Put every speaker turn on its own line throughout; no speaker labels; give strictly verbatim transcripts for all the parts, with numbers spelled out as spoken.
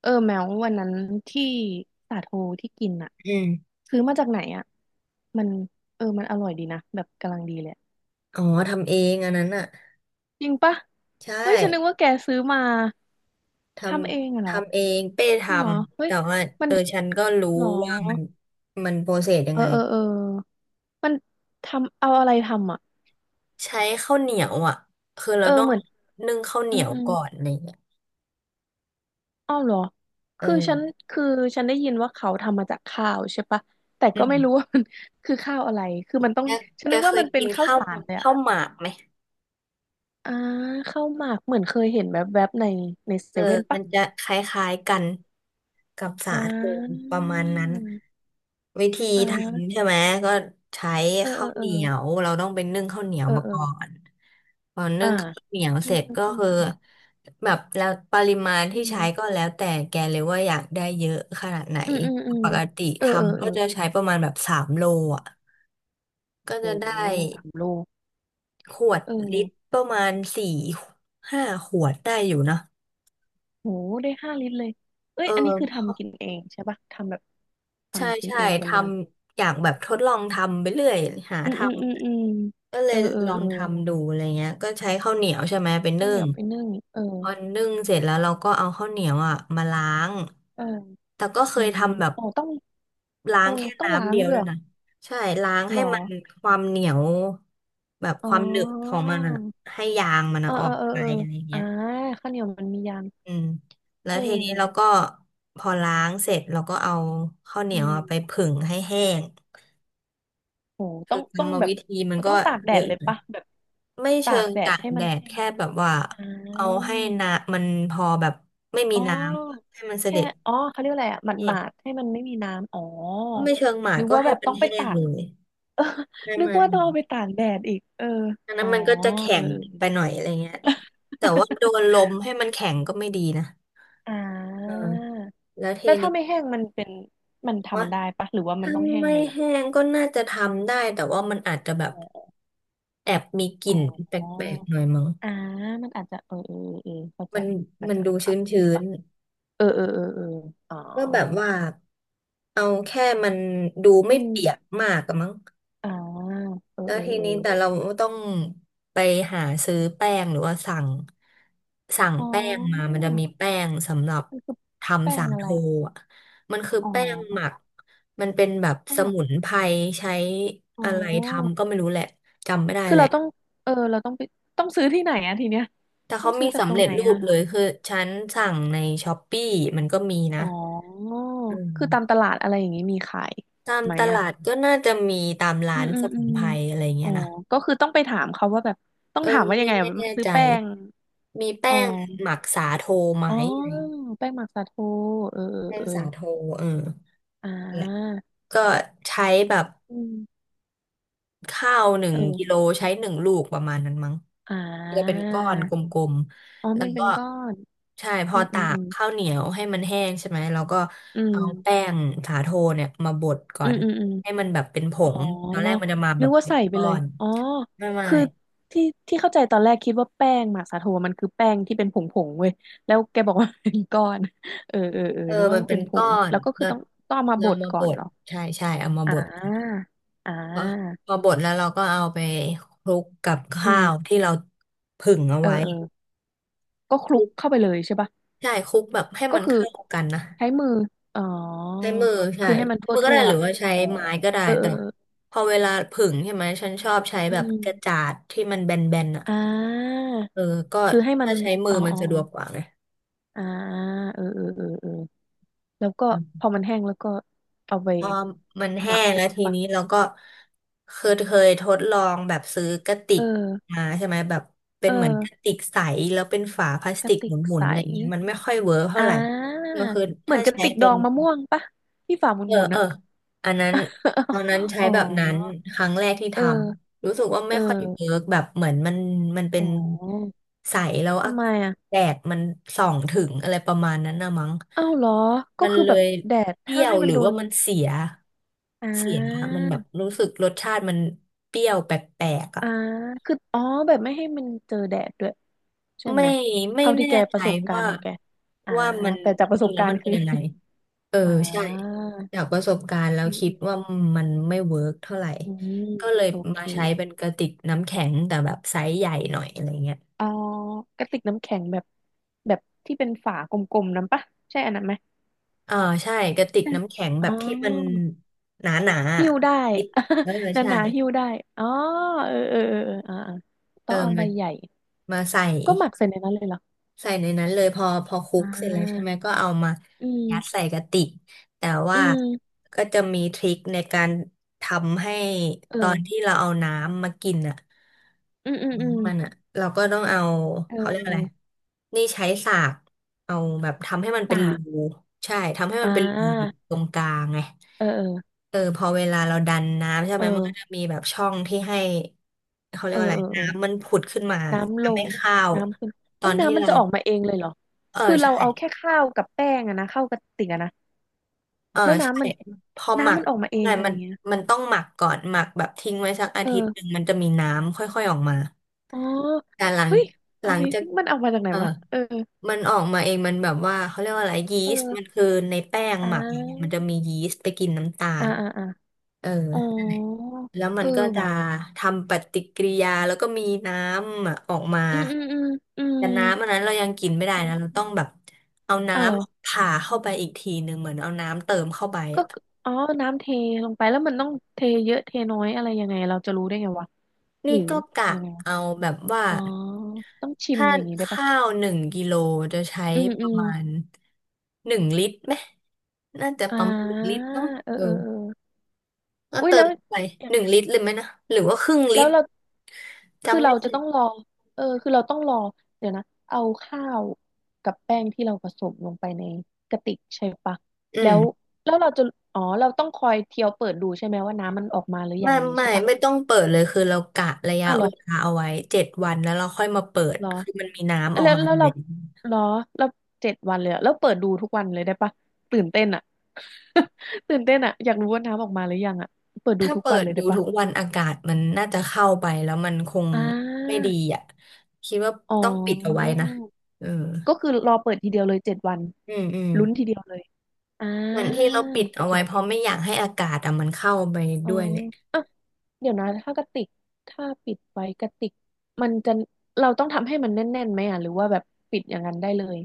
เออแมววันนั้นที่สาโทที่กินอะ
อืม
ซื้อมาจากไหนอะมันเออมันอร่อยดีนะแบบกำลังดีเลยอะ
อ๋อทำเองอันนั้นอ่ะ
จริงปะ
ใช่
เฮ้ยฉันนึกว่าแกซื้อมา
ท
ทำเองอะ
ำ
เหรอ
ทำเองเป้ท
จริงเหรอ
ำ
เฮ้ย
แต่ว่า
มั
เอ
น
อฉันก็รู้
เหรอ
ว่ามันมันโปรเซสยั
เอ
ง
อ
ไง
เออเออมันทำเอาอะไรทำอะ
ใช้ข้าวเหนียวอ่ะ คือเรา
เออ
ต้อง
เหมือน
นึ่งข้าวเห
อื
นี
ม
ยว
อืม
ก่อนอะไรเงี้ย
อ้าวเหรอ
เออ
คือฉันคือฉันได้ยินว่าเขาทำมาจากข้าวใช่ปะแต่
อื
ก็ไม่รู้
ม
ว่ามัน คือข้าวอะไรคือมันต้อง
แก
ฉัน
แก
นึก
เค
ว่า
ย
มันเป็
กิ
น
น
ข้าว
ข้าว
สารเลยอะ
ข้าวหมากไหม
อ่าข้าวหมากเหมือนเคยเห็นแวบๆในใน
เอ
เซ
อ
เว่น
มั
ปะ
นจะคล้ายๆกันกับสา
อ่
โท
า
ประมาณนั้นวิธี
อ่
ทำ
า
ใช่ไหมก็ใช้
เออเอ
ข้า
อ
ว
เอ
เห
อ
นียวเราต้องไปนึ่งข้าวเหนียว
เออ
มา
เออ
ก่อนพอนึ่
อ่า
งข้าวเหนียวเส
นึ่ง
ร็จก็
ข้าวเห
คื
นี
อ
ยว
แบบแล้วปริมาณ
อื
ที่ใช้
ม
ก็แล้วแต่แกเลยว่าอยากได้เยอะขนาดไหน
อืมอืมอืม
ปกติ
เออเออ
ทำ
เอ
ก็
อ
จะใช้ประมาณแบบสามโลอ่ะก็
โห
จะได้
สามโล
ขวด
เ
ลิตร
ออ
ประมาณสี่ห้าขวดได้อยู่นะ
โหได้ห้าลิตรเลยเอ้
เอ
ย
อ
อันนี้คือ
พ
ทำกิ
อ
นเองใช่ปะทำแบบ
ใช่
ทำกิน
ใช่
เองกั
ท
นเลย
ำอยากแบบทดลองทำไปเรื่อยหา
อืม
ท
อืมอืมอืม
ำก็เล
เอ
ย
อเออ
ลอง
เออ
ทำดูอะไรเงี้ยก็ใช้ข้าวเหนียวใช่ไหมเป็น
ข้าว
นึ่
เหนี
ง
ยวไปนึ่งเออ
พอนึ่งเสร็จแล้วเราก็เอาข้าวเหนียวอ่ะมาล้าง
เออ
แต่ก็เค
อื
ย
ม
ทำแบบ
โอ้ต้อง
ล้า
เออ
งแค่
ต้องล้า
น้ำ
ง
เดียว
ด้วย
ด้ว
เห
ยนะใช่ล้าง
ร
ให้
อ
มันความเหนียวแบบ
อ๋
ความหนึบขอ
อ
งมันอะให้ยางมัน
เอ
อะ
อ
ออ
เออ
ก
เออ
ไป
เออ
อะไรเงี้
อ่า
ย
ข้าวเหนียวมันมียาง
อืมแล้
เ
วทีนี้เรา
ออ
ก็พอล้างเสร็จเราก็เอาข้าวเหนี
อื
ยว
ม
อะไปผึ่งให้แห้ง
โหต้
คื
อ
อ
ง
กร
ต้อ
ร
ง
ม
แบบ
วิธีมันก็
ต้องตากแด
เย
ด
อะ
เลย
นะ
ปะแบบ
ไม่
ตา
เชิ
ก
ง
แด
ตา
ด
ก
ให้
แด
มัน
ด
แห้ง
แค่แบบว่า
อ่
เอา
า
ให้น้ำมันพอแบบไม่มี
อ๋
น้
อ
ำให้มันเส
แค่
ด็จ
อ๋อเขาเรียกอะไรอ่ะห
แห้ง
มาดๆให้มันไม่มีน้ำอ๋อ
ไม่เชิงหมาด
นึก
ก็
ว่า
ให้
แบบ
มั
ต้
น
องไป
แห้ง
ตา
เล
ก
ย
เออ
ไม่
นึก
ไม่
ว่าต้องเอาไปตากแดดอีกเออ
อันนั้
อ๋อ
นมันก็จะแข็
เออ
งไป หน่อยอะไรเงี้ยแต่ว่าโดนลมให้มันแข็งก็ไม่ดีนะ
เอออ่
เออ
า
แล้วเท
แล้วถ้า
นี้
ไม่แห้งมันเป็นมัน
ว่า
ทำได้ปะหรือว่ามัน
ถ้า
ต้องแห้ง
ไม่
เลยวะ
แห้งก็น่าจะทำได้แต่ว่ามันอาจจะแบบ
อ๋อ
แอบมีก
อ๋
ลิ่
อ
นแปลกๆหน่อยมั้ง
อ่ามันอาจจะเออเออเออเข้าใจ
มัน
อาจ
มัน
จะ
ดู
เอาปรั
ชื้
บ
นชื้
นี้
น
ปะเออเออเออเอออ๋อ
ก็แบบว่าเอาแค่มันดู
อื
ไม่
ม
เปียกมากอะมั้ง
อ่าเออ
แล้ว
เออ
ที
เออ
นี้แต่เราต้องไปหาซื้อแป้งหรือว่าสั่งสั่ง
อ๋
แป้งมา
อ
มันจะมีแป้งสำหรับ
มันคือแป้
ทำสา
งอะ
โท
ไร
อ่ะมันคือ
อ๋
แป้งหมั
อ
กมันเป็นแบบ
แป้
ส
งหมัก
มุนไพรใช้
อ๋
อะ
อ
ไรทำก็ไม่รู้แหละจำไม่ได้
คือ
แหละ
เราต้องเออเราต้องไปต้องซื้อที่ไหนอะทีเนี้ย
แต่
ต้อ
เขา
งซื้
มี
อจากต
สำ
รง
เร็
ไห
จ
น
รู
อะ
ปเลยคือฉันสั่งในช้อปปี้มันก็มีนะ
อ๋อ
อื
คือตามต
ม
ลาดอะไรอย่างงี้มีขาย
ตาม
ไหม
ต
อะ
ลาดก็น่าจะมีตามร้า
อืม
น
อื
ส
มอื
มุน
ม
ไพรอะไร
อ๋
เงี้
อ
ยนะ
ก็คือต้องไปถามเขาว่าแบบต้อ
เอ
ง
อ
ถามว่ายั
ไม่
งไงอะ
ไม่แน่
มาซื้อ
ใจ
แป้ง
มีแป้
อ๋อ
งหมักสาโทไหม
อ๋อ
อะไรเงี้ย
แป้งหมักสาโทเออ
แป้
เอ
ง
อ
สาโทเออ
เอออ
นั่นแหละ
่า
ก็ใช้แบบ
อืม
ข้าวหนึ่งกิโล
เออ
ใช้หนึ่งลูกประมาณนั้นมั้ง
อ่
จะเป็น
า
ก้อนกลม
อ๋อ
ๆแล้ว
มันเป็
ก็
นก้อน
ใช่พ
อื
อ
มอื
ตา
มอื
ก
ม
ข้าวเหนียวให้มันแห้งใช่ไหมเราก็เอาแป้งสาโทเนี่ยมาบดก่อ
อืม
น
อืมอืมอืม
ให้มันแบบเป็นผ
อ๋อ
งตอนแรกมันจะมา
นึ
แบ
ก
บ
ว่า
เป็น
ใส่ไป
ก้อ
เลย
น
อ๋อ
ไม่ไม่
คือที่ที่เข้าใจตอนแรกคิดว่าแป้งหมักสาโทมันคือแป้งที่เป็นผงผงเว้ยแล้วแกบอกว่าเป็นก้อน เออเออเออ
เออ
นึกว่า
มัน
มัน
เป็
เป็
น
นผ
ก้อ
ง
น
แล้วก็คือ
เรา
ต้องต้องเอามาบ
เรา
ด
มา
ก่
บ
อน
ด
เหรอ
ใช่ใช่เอามา
อ่
บด
าอ
พอ
่า
พอบดแล้วเราก็เอาไปคลุกกับ
อื
ข้าว
ม
ที่เราผึ่งเอา
เออ
ไว้
เออก็ค
ค
ลุ
ลุ
ก
ก
เข้าไปเลยใช่ปะ
ใช่คลุกแบบให้
ก็
มัน
คือ
เข้ากันนะ
ใช้มือ อ๋อ
ใช้มือใช่
คือให้มันทั่
มื
ว
อก็
ทั่
ได้
ว
หรือว่าใช้
อ๋อ
ไม้ก็ได้
เออ
แต่พอเวลาผึ่งใช่ไหมฉันชอบใช้
เออ
แบ
เอ
บ
อ อื
กระจา
ม
ดที่มันแบนๆอ่ะ
อ่า
เออก็
คือให้มัน
ถ้าใช้มื
อ๋
อ
อ
มัน
อ๋อ
สะด
อ๋
วกก
อ
ว่าไง
อ่าเออเออเออเออแล้วก็พอมันแห้งแล้วก็เอาไป
พอมัน
ห
แห้
มัก
ง
เล
แล้ว
ย
ที
ปะ
นี้เราก็คือเคยทดลองแบบซื้อกระติ
เอ
ก
อ
มาใช่ไหมแบบเป็
เอ
น
อ
เหมือนกระติกใสแล้วเป็นฝาพลาส
ก
ติ
ระ
กห
ติ
ม
ก
ุน
ใส
ๆอะไรเงี้ยมันไม่ค่อยเวิร์กเท่า
อ่
ไหร่
า
ก็คือ
เหมื
ถ้า
อนกระ
ใช้
ติกด
เป็
อ
น
งมะม่วงปะที่ฝาห
เออ
มุนๆ
เออ
อ่ะ
อันนั้นตอนนั้น ใช้
อ๋อ
แบบนั้นครั้งแรกที่
เ
ท
ออ
ำรู้สึกว่า
เอ
ไม่ค่อยเวิ
อ
ร์กแบบเหมือนมันมันเป็
อ๋
น
อ
ใสแล้วอะ
ทำไมอ่ะ
แดดมันส่องถึงอะไรประมาณนั้นนะมั้ง
อ้าวเหรอก็
มัน
คือ
เล
แบบ
ย
แดด
เปรี้
ห้า
ย
ม
ว
ให้
ห
มัน
รือ
โด
ว่า
น
มันเสีย
อ่
เสียอะ
า
มันแบบรู้สึกรสชาติมันเปรี้ยวแปลกๆอ่ะ
อ่าคืออ๋อแบบไม่ให้มันเจอแดดด้วยใช่
ไม่
ไหม
ไม่
เท่าที่
แน่
แกป
ใจ
ระสบการ
ว่า
ณ์ของแกอ่า
ว่ามัน
แต่จากประ
จ
ส
ริง
บ
แล้ว
การ
มัน
ณ์
เป็น
คือ
ยังไง เออ
อ่า
ใช่จากประสบการณ์แล้ว
อืม
คิ
อื
ด
ม
ว่ามันไม่เวิร์กเท่าไหร่
อืม
ก็เลย
โอเค
มาใช้เป็นกระติกน้ำแข็งแต่แบบไซส์ใหญ่หน่อยอะไรเงี้ย
เอ่อกระติกน้ำแข็งแบบแบบที่เป็นฝากลมๆนั้นปะ ใช่อันนั้นไหม
เออใช่กระติก
ใช่
น้ำแข็ง
อ๋
แบ
อ
บที่มันหนาๆอะ
หิ้วได้
คิดเออ
ห
ใช่
นาๆหิ้วได้อ๋อเออเออเออเอออ่าอ่า
เอ
ต้
อ
องเอาใบ
มา
ใหญ่
มาใส่
ก็หมักใส่ในนั้นเลยเหรอ
ใส่ในนั้นเลยพอพอคลุ
อ่
กเสร็จแล้วใช่
า
ไหมก็เอามา
อืม
ยัดใส่กะติกแต่
อื
ว่า
ม
ก็จะมีทริคในการทำให้
เอ
ต
อ
อนที่เราเอาน้ำมากินอ่ะ
อืมอืมอืม
น้ำมันอ่ะเราก็ต้องเอา
เอ
เขาเรียกอะไร
อ
นี่ใช้สากเอาแบบทำให้มันเป็
สา
นรู
ก
ใช่ทำให้
อ่
มันเป็นรู
า
ตรงกลางไง
เออเออ
เออพอเวลาเราดันน้ำใช่ไห
เอ
มมันก็จะ
อ
มีแบบช่องที่ให้เขาเรีย
เอ
ก
อ
ว่าอะไร
เอ
น้ำ
อ
มันผุดขึ้นมา
น้ำล
ทำ
ง
ให้ข้าว
น้ำขึ้น
ตอ
เฮ้ย
นที่
น้ำมัน
เรา
จะออกมาเองเลยเหรอ
เออ
คือเรา
ใช่
เอาแค่ข้าวกับแป้งอะนะเข้ากระติกอะนะ
เออ
แล้ว
ใช่
น้ำมัน
พอหมั
น้ำ
ก
มันออกมาเอ
ใช่
งอะไร
มัน
เงี้ย
มันต้องหมักก่อนหมักแบบทิ้งไว้สักอาทิตย์หนึ่ง
เออ
มันจะมีน้ำค่อยๆออกมา
อ๋อ
แต่หลัง
เฮ้ย
หลังจาก
Amazing มันเอามาจากไหน
เออ
วะเออ
มันออกมาเองมันแบบว่าเขาเรียกว่าอะไรยีสต์มัน
เออ
คือในแป้ง
อ่
หมักเนี่ยมัน
า
จะมียีสต์ไปกินน้ำตา
อ่า
ล
อ่าอ่า
เออ
อ๋อ
แล้วมั
เออ
นก็จะ
ว่ะ
ทำปฏิกิริยาแล้วก็มีน้ำอะออกมา
อืมอืมอืมอื
แต่น้ำอั
ม
นนั้นเรายังกินไม่ได้นะเราต้องแบบเอาน้
อ๋อ
ำผ่าเข้าไปอีกทีหนึ่งเหมือนเอาน้ำเติมเข้าไป
ก็
อ่ะ
คืออ๋อน้ำเทลงไปแล้วมันต้องเทเยอะเทน้อยอะไรยังไงเราจะรู้ได้ไงวะห
นี่
รือ
ก็กะ
ยังไงวะ
เอาแบบว่า
อ๋อต้องชิม
ถ้า
อย่างนี้
ข
ได้ปะ
้าวหนึ่งกิโลจะใช้
อืม
ป
อื
ระ
ม
มาณหนึ่งลิตรไหมน่าจะ
อ่
ประมาณหนึ่ง
า
ลิตรเนาะ
เออ
เออ
เออเออ
ก็
อุ้ย
เติ
แล้
ม
ว
ไปหนึ่งลิตรเลยไหมนะหรือว่าครึ่งลิ
แล้ว
ตร
เราคือ
จำไม่
เรา
ได้
จะต้องรอเออคือเราต้องรอเดี๋ยวนะเอาข้าวกับแป้งที่เราผสมลงไปในกระติกใช่ปะ
อื
แล้
ม
วแล้วเราจะอ๋อเราต้องคอยเทียวเปิดดูใช่ไหมว่าน้ำมันออกมาหรือยั
ไม่
งนี้
ไม่
ใช่ปะ
ไม่ต้องเปิดเลยคือเรากะระยะ
อ้าวเหร
เว
อ
ลาเอาไว้เจ็ดวันแล้วเราค่อยมาเปิด
เหรอ
คือมันมีน้ำออก
แล้ว
มา
แล้
อ
ว
ยู่
เรา
แล้ว
เหรอเราเจ็ดวันเลยอะแล้วเปิดดูทุกวันเลยได้ปะตื่นเต้นอ่ะ ตื่นเต้นอ่ะอยากรู้ว่าน้ำออกมาหรือยังอ่ะเปิดดู
ถ้า
ทุก
เปิ
วัน
ด
เลย
ดู
ได้ปะ
ทุกวันอากาศมันน่าจะเข้าไปแล้วมันคง
อ่
ไม่
า
ดีอ่ะคิดว่า
อ๋อ
ต้องปิดเอาไว้นะเออ
ก็คือรอเปิดทีเดียวเลยเจ็ดวัน
อืมอืม
ลุ้นทีเดียวเลยอ่า
เหมือนที่เราปิด
โอ
เอาไว้เพ
เค
ราะไม่อยากให้อากาศอ่ะมันเข้าไป
อ๋อ
ด้วยเลย
อ่ะเดี๋ยวนะถ้ากระติกถ้าปิดไว้กระติกมันจะเราต้องทำให้มันแน่นๆไหมอ่ะหรือว่าแบบปิดอย่างนั้นได้เลย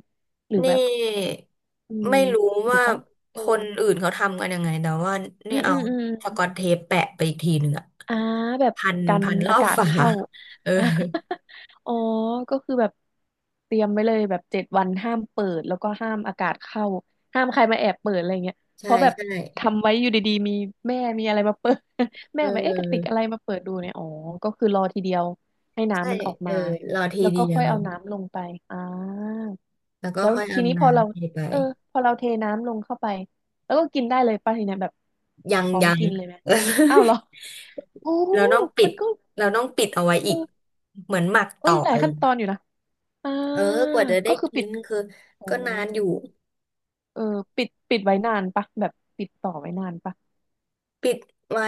หรือ
นี
แบบ
่
อืม
ไม่รู้
หรือ
ว่า
ต้องเอ
ค
อ
นอื่นเขาทำกันยังไงแต่ว่า
อื
นี่
มอื
เอา
มอืม
สกอตเทปแปะไปอีกทีหนึ่งอะ
อ่าแบบ
พัน
กัน
พันร
อา
อบ
กาศ
ฝา
เข้า
เออ
อ่า อ๋อก็คือแบบเตรียมไว้เลยแบบเจ็ดวันห้ามเปิดแล้วก็ห้ามอากาศเข้าห้ามใครมาแอบเปิดอะไรเงี้ยเพ
ใช่
ราะแบบ
ใช่
ทำไว้อยู่ดีๆมีแม่มีอะไรมาเปิด แม่แบบเอ๊ะกระติก
เออ
อะไรมาเปิดดูเนี่ยอ๋อก็คือรอทีเดียวให้
ใช่
น้ำมันออก
เออ
มา
รอที
แล้ว
เดี
ก็
ย
ค่อย
ว
เอาน้ำลงไปอ่า
แล้วก็
แล้ว
ค่อย
ที
เอา
นี้พอเรา
น้ำเทไป
เออพอเราเทน้ำลงเข้าไปแล้วก็กินได้เลยป่ะทีเนี้ยแบบ
ยัง
พร้อม
ยัง
กินเลยไหมอ้าวเหรอ โอ้
เราต้องปิ
มั
ด
นก็
เราต้องปิดเอาไว้อีก
เออ
เหมือนหมัก
โอ้
ต่
ย
อ
หลา
อะ
ย
ไรอ
ขั้น
ย่าง
ต
เงี้
อ
ย
นอยู่นะอ่า
เออกว่าจะได้
ก็คือ
กิ
ปิด
นคือ
โอ้
ก็นานอยู่
เออปิดปิดไว้นานปะแบบปิดต่อไว้นานปะ
ปิดไว้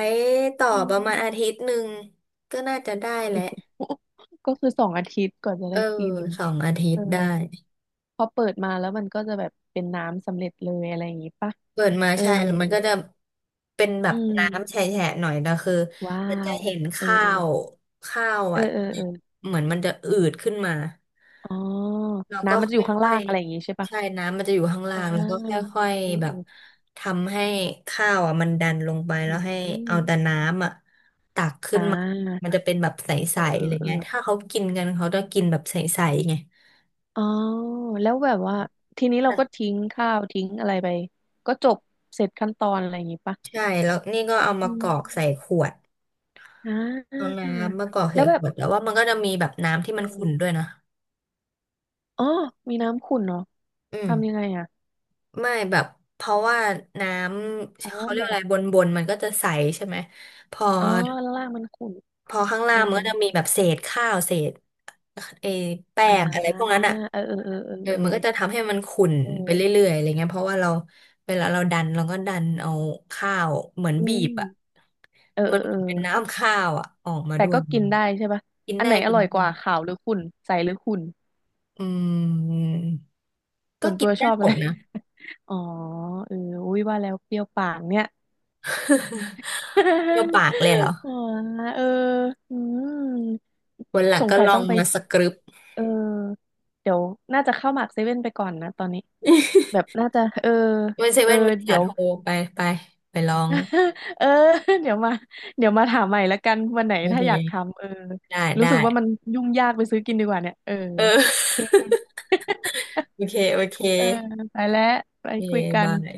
ต่อ
อื
ประมาณอาทิ
ม
ตย์หนึ่งก็น่าจะได้แหละ
ก็คือสองอาทิตย์ก่อนจะ
เออ
ได้กิน
สองอาทิต
เออ
ย์ได้
พอเปิดมาแล้วมันก็จะแบบเป็นน้ำสำเร็จเลยอะไรอย่างงี้ปะ
เปิดมา
เออ
ใช่แล้วมันก็จะเป็นแบ
อื
บ
ม
น้ำแฉะๆหน่อยนะคือ
ว้า
มันจะ
ว
เห็น
เออ
ข้าวข้าว
เออ
อ่ะ
เออเออเออ
เหมือนมันจะอืดขึ้นมา
อ๋อ
แล้วก็
น้ำมัน
ค
จะอยู่ข้าง
่อ
ล่า
ย
งอะไรอย่างงี้ใช่
ๆ
ปะ
ใช่น้ำมันจะอยู่ข้างล่า
อ่
งแล้วก็ค
า
่อย
เออ
ๆแบ
เอ
บ
อ
ทำให้ข้าวอ่ะมันดันลงไปแล้
อื
วให้
ม
เอาแต่น้ำอ่ะตักขึ้
อ่
นมา
า
มันจะเป็นแบบใสๆอะไรเงี้ยถ้าเขากินกันเขาจะกินแบบใสๆไง
อ๋อแล้วแบบว่าทีนี้เราก็
แต่
ทิ้งข้าวทิ้งอะไรไปก็จบเสร็จขั้นตอนอะไรอย่างงี้ปะ
ใช่แล้วนี่ก็เอา
อื
มากรอกใส่
ม
ขวด
อ่
เอา
า
น้ำมากรอก
แล้
ใส่
วแบ
ข
บ
วดแล้วว่ามันก็จะมีแบบน้ำที่
เอ
มันขุ่นด้
อ
วยนะ
อ๋อมีน้ำขุ่นเหรอ
อื
ทำยังไง
ม
อ่ะ
ไม่แบบเพราะว่าน้ำ
อ๋อ
เขาเรีย
แบ
กอะ
บ
ไรบนบนมันก็จะใสใช่ไหมพอ
อ๋อลวล่างมันขุ่น
พอข้าง
เอ
ล่า
อ
งมันก็จะมีแบบเศษข้าวเศษเออแป้
อ่า
งอะไรพวกนั้นอ่ะ
เออเออเออเออ
เออ
เออ
มันก็จะทำให้มันขุ่น
เอ
ไป
อ
เรื่อยๆอะไรเงี้ยเพราะว่าเราเวลาเราดันเราก็ดันเอาข้าวเหมือน
อื
บี
ม
บอ่ะ
เออเอ
มัน
อเอ
เหมื
อ
อนเป็นน้ำข้าวอ่ะออกมา
แต่
ด้ว
ก็
ย
กินได้ใช่ปะ
กิน
อันไห
ได้
นอ
กิน
ร่อย
ได้
กว่าขาวหรือขุ่นใสหรือขุ่น
อืม
ส่
ก็
วน
กิ
ตั
น
วช
ได้
อบ
หม
อะไร
ดนะ
อ๋อเอออุ้ยว่าแล้วเปรี้ยวปากเนี่ย
เดียวปากเลยเหรอ
อ๋อเอออืม
วันหลั
ส
ง
ง
ก็
สัย
ลอ
ต้อ
ง
งไป
มาสกรึป
เออเดี๋ยวน่าจะเข้าหมากเซเว่นไปก่อนนะตอนนี้แบบน่าจะเออ
วันเซ
เออ
เว่นมี
เดี๋
สา
ยว
โทรไปไปไปลอง
เออเดี๋ยวมาเดี๋ยวมาถามใหม่ละกันวันไหน
โอ
ถ้าอยาก
เค
ทำเออ
ได้
รู้
ได้
สึกว่ามันยุ่งยากไปซื้อกินดีกว่าเนี่ยเออ
เออ
โอเค
โอเคโอเค
เออไปแล้วไป
โอเค
คุยกัน
บา
โอ
ย
เค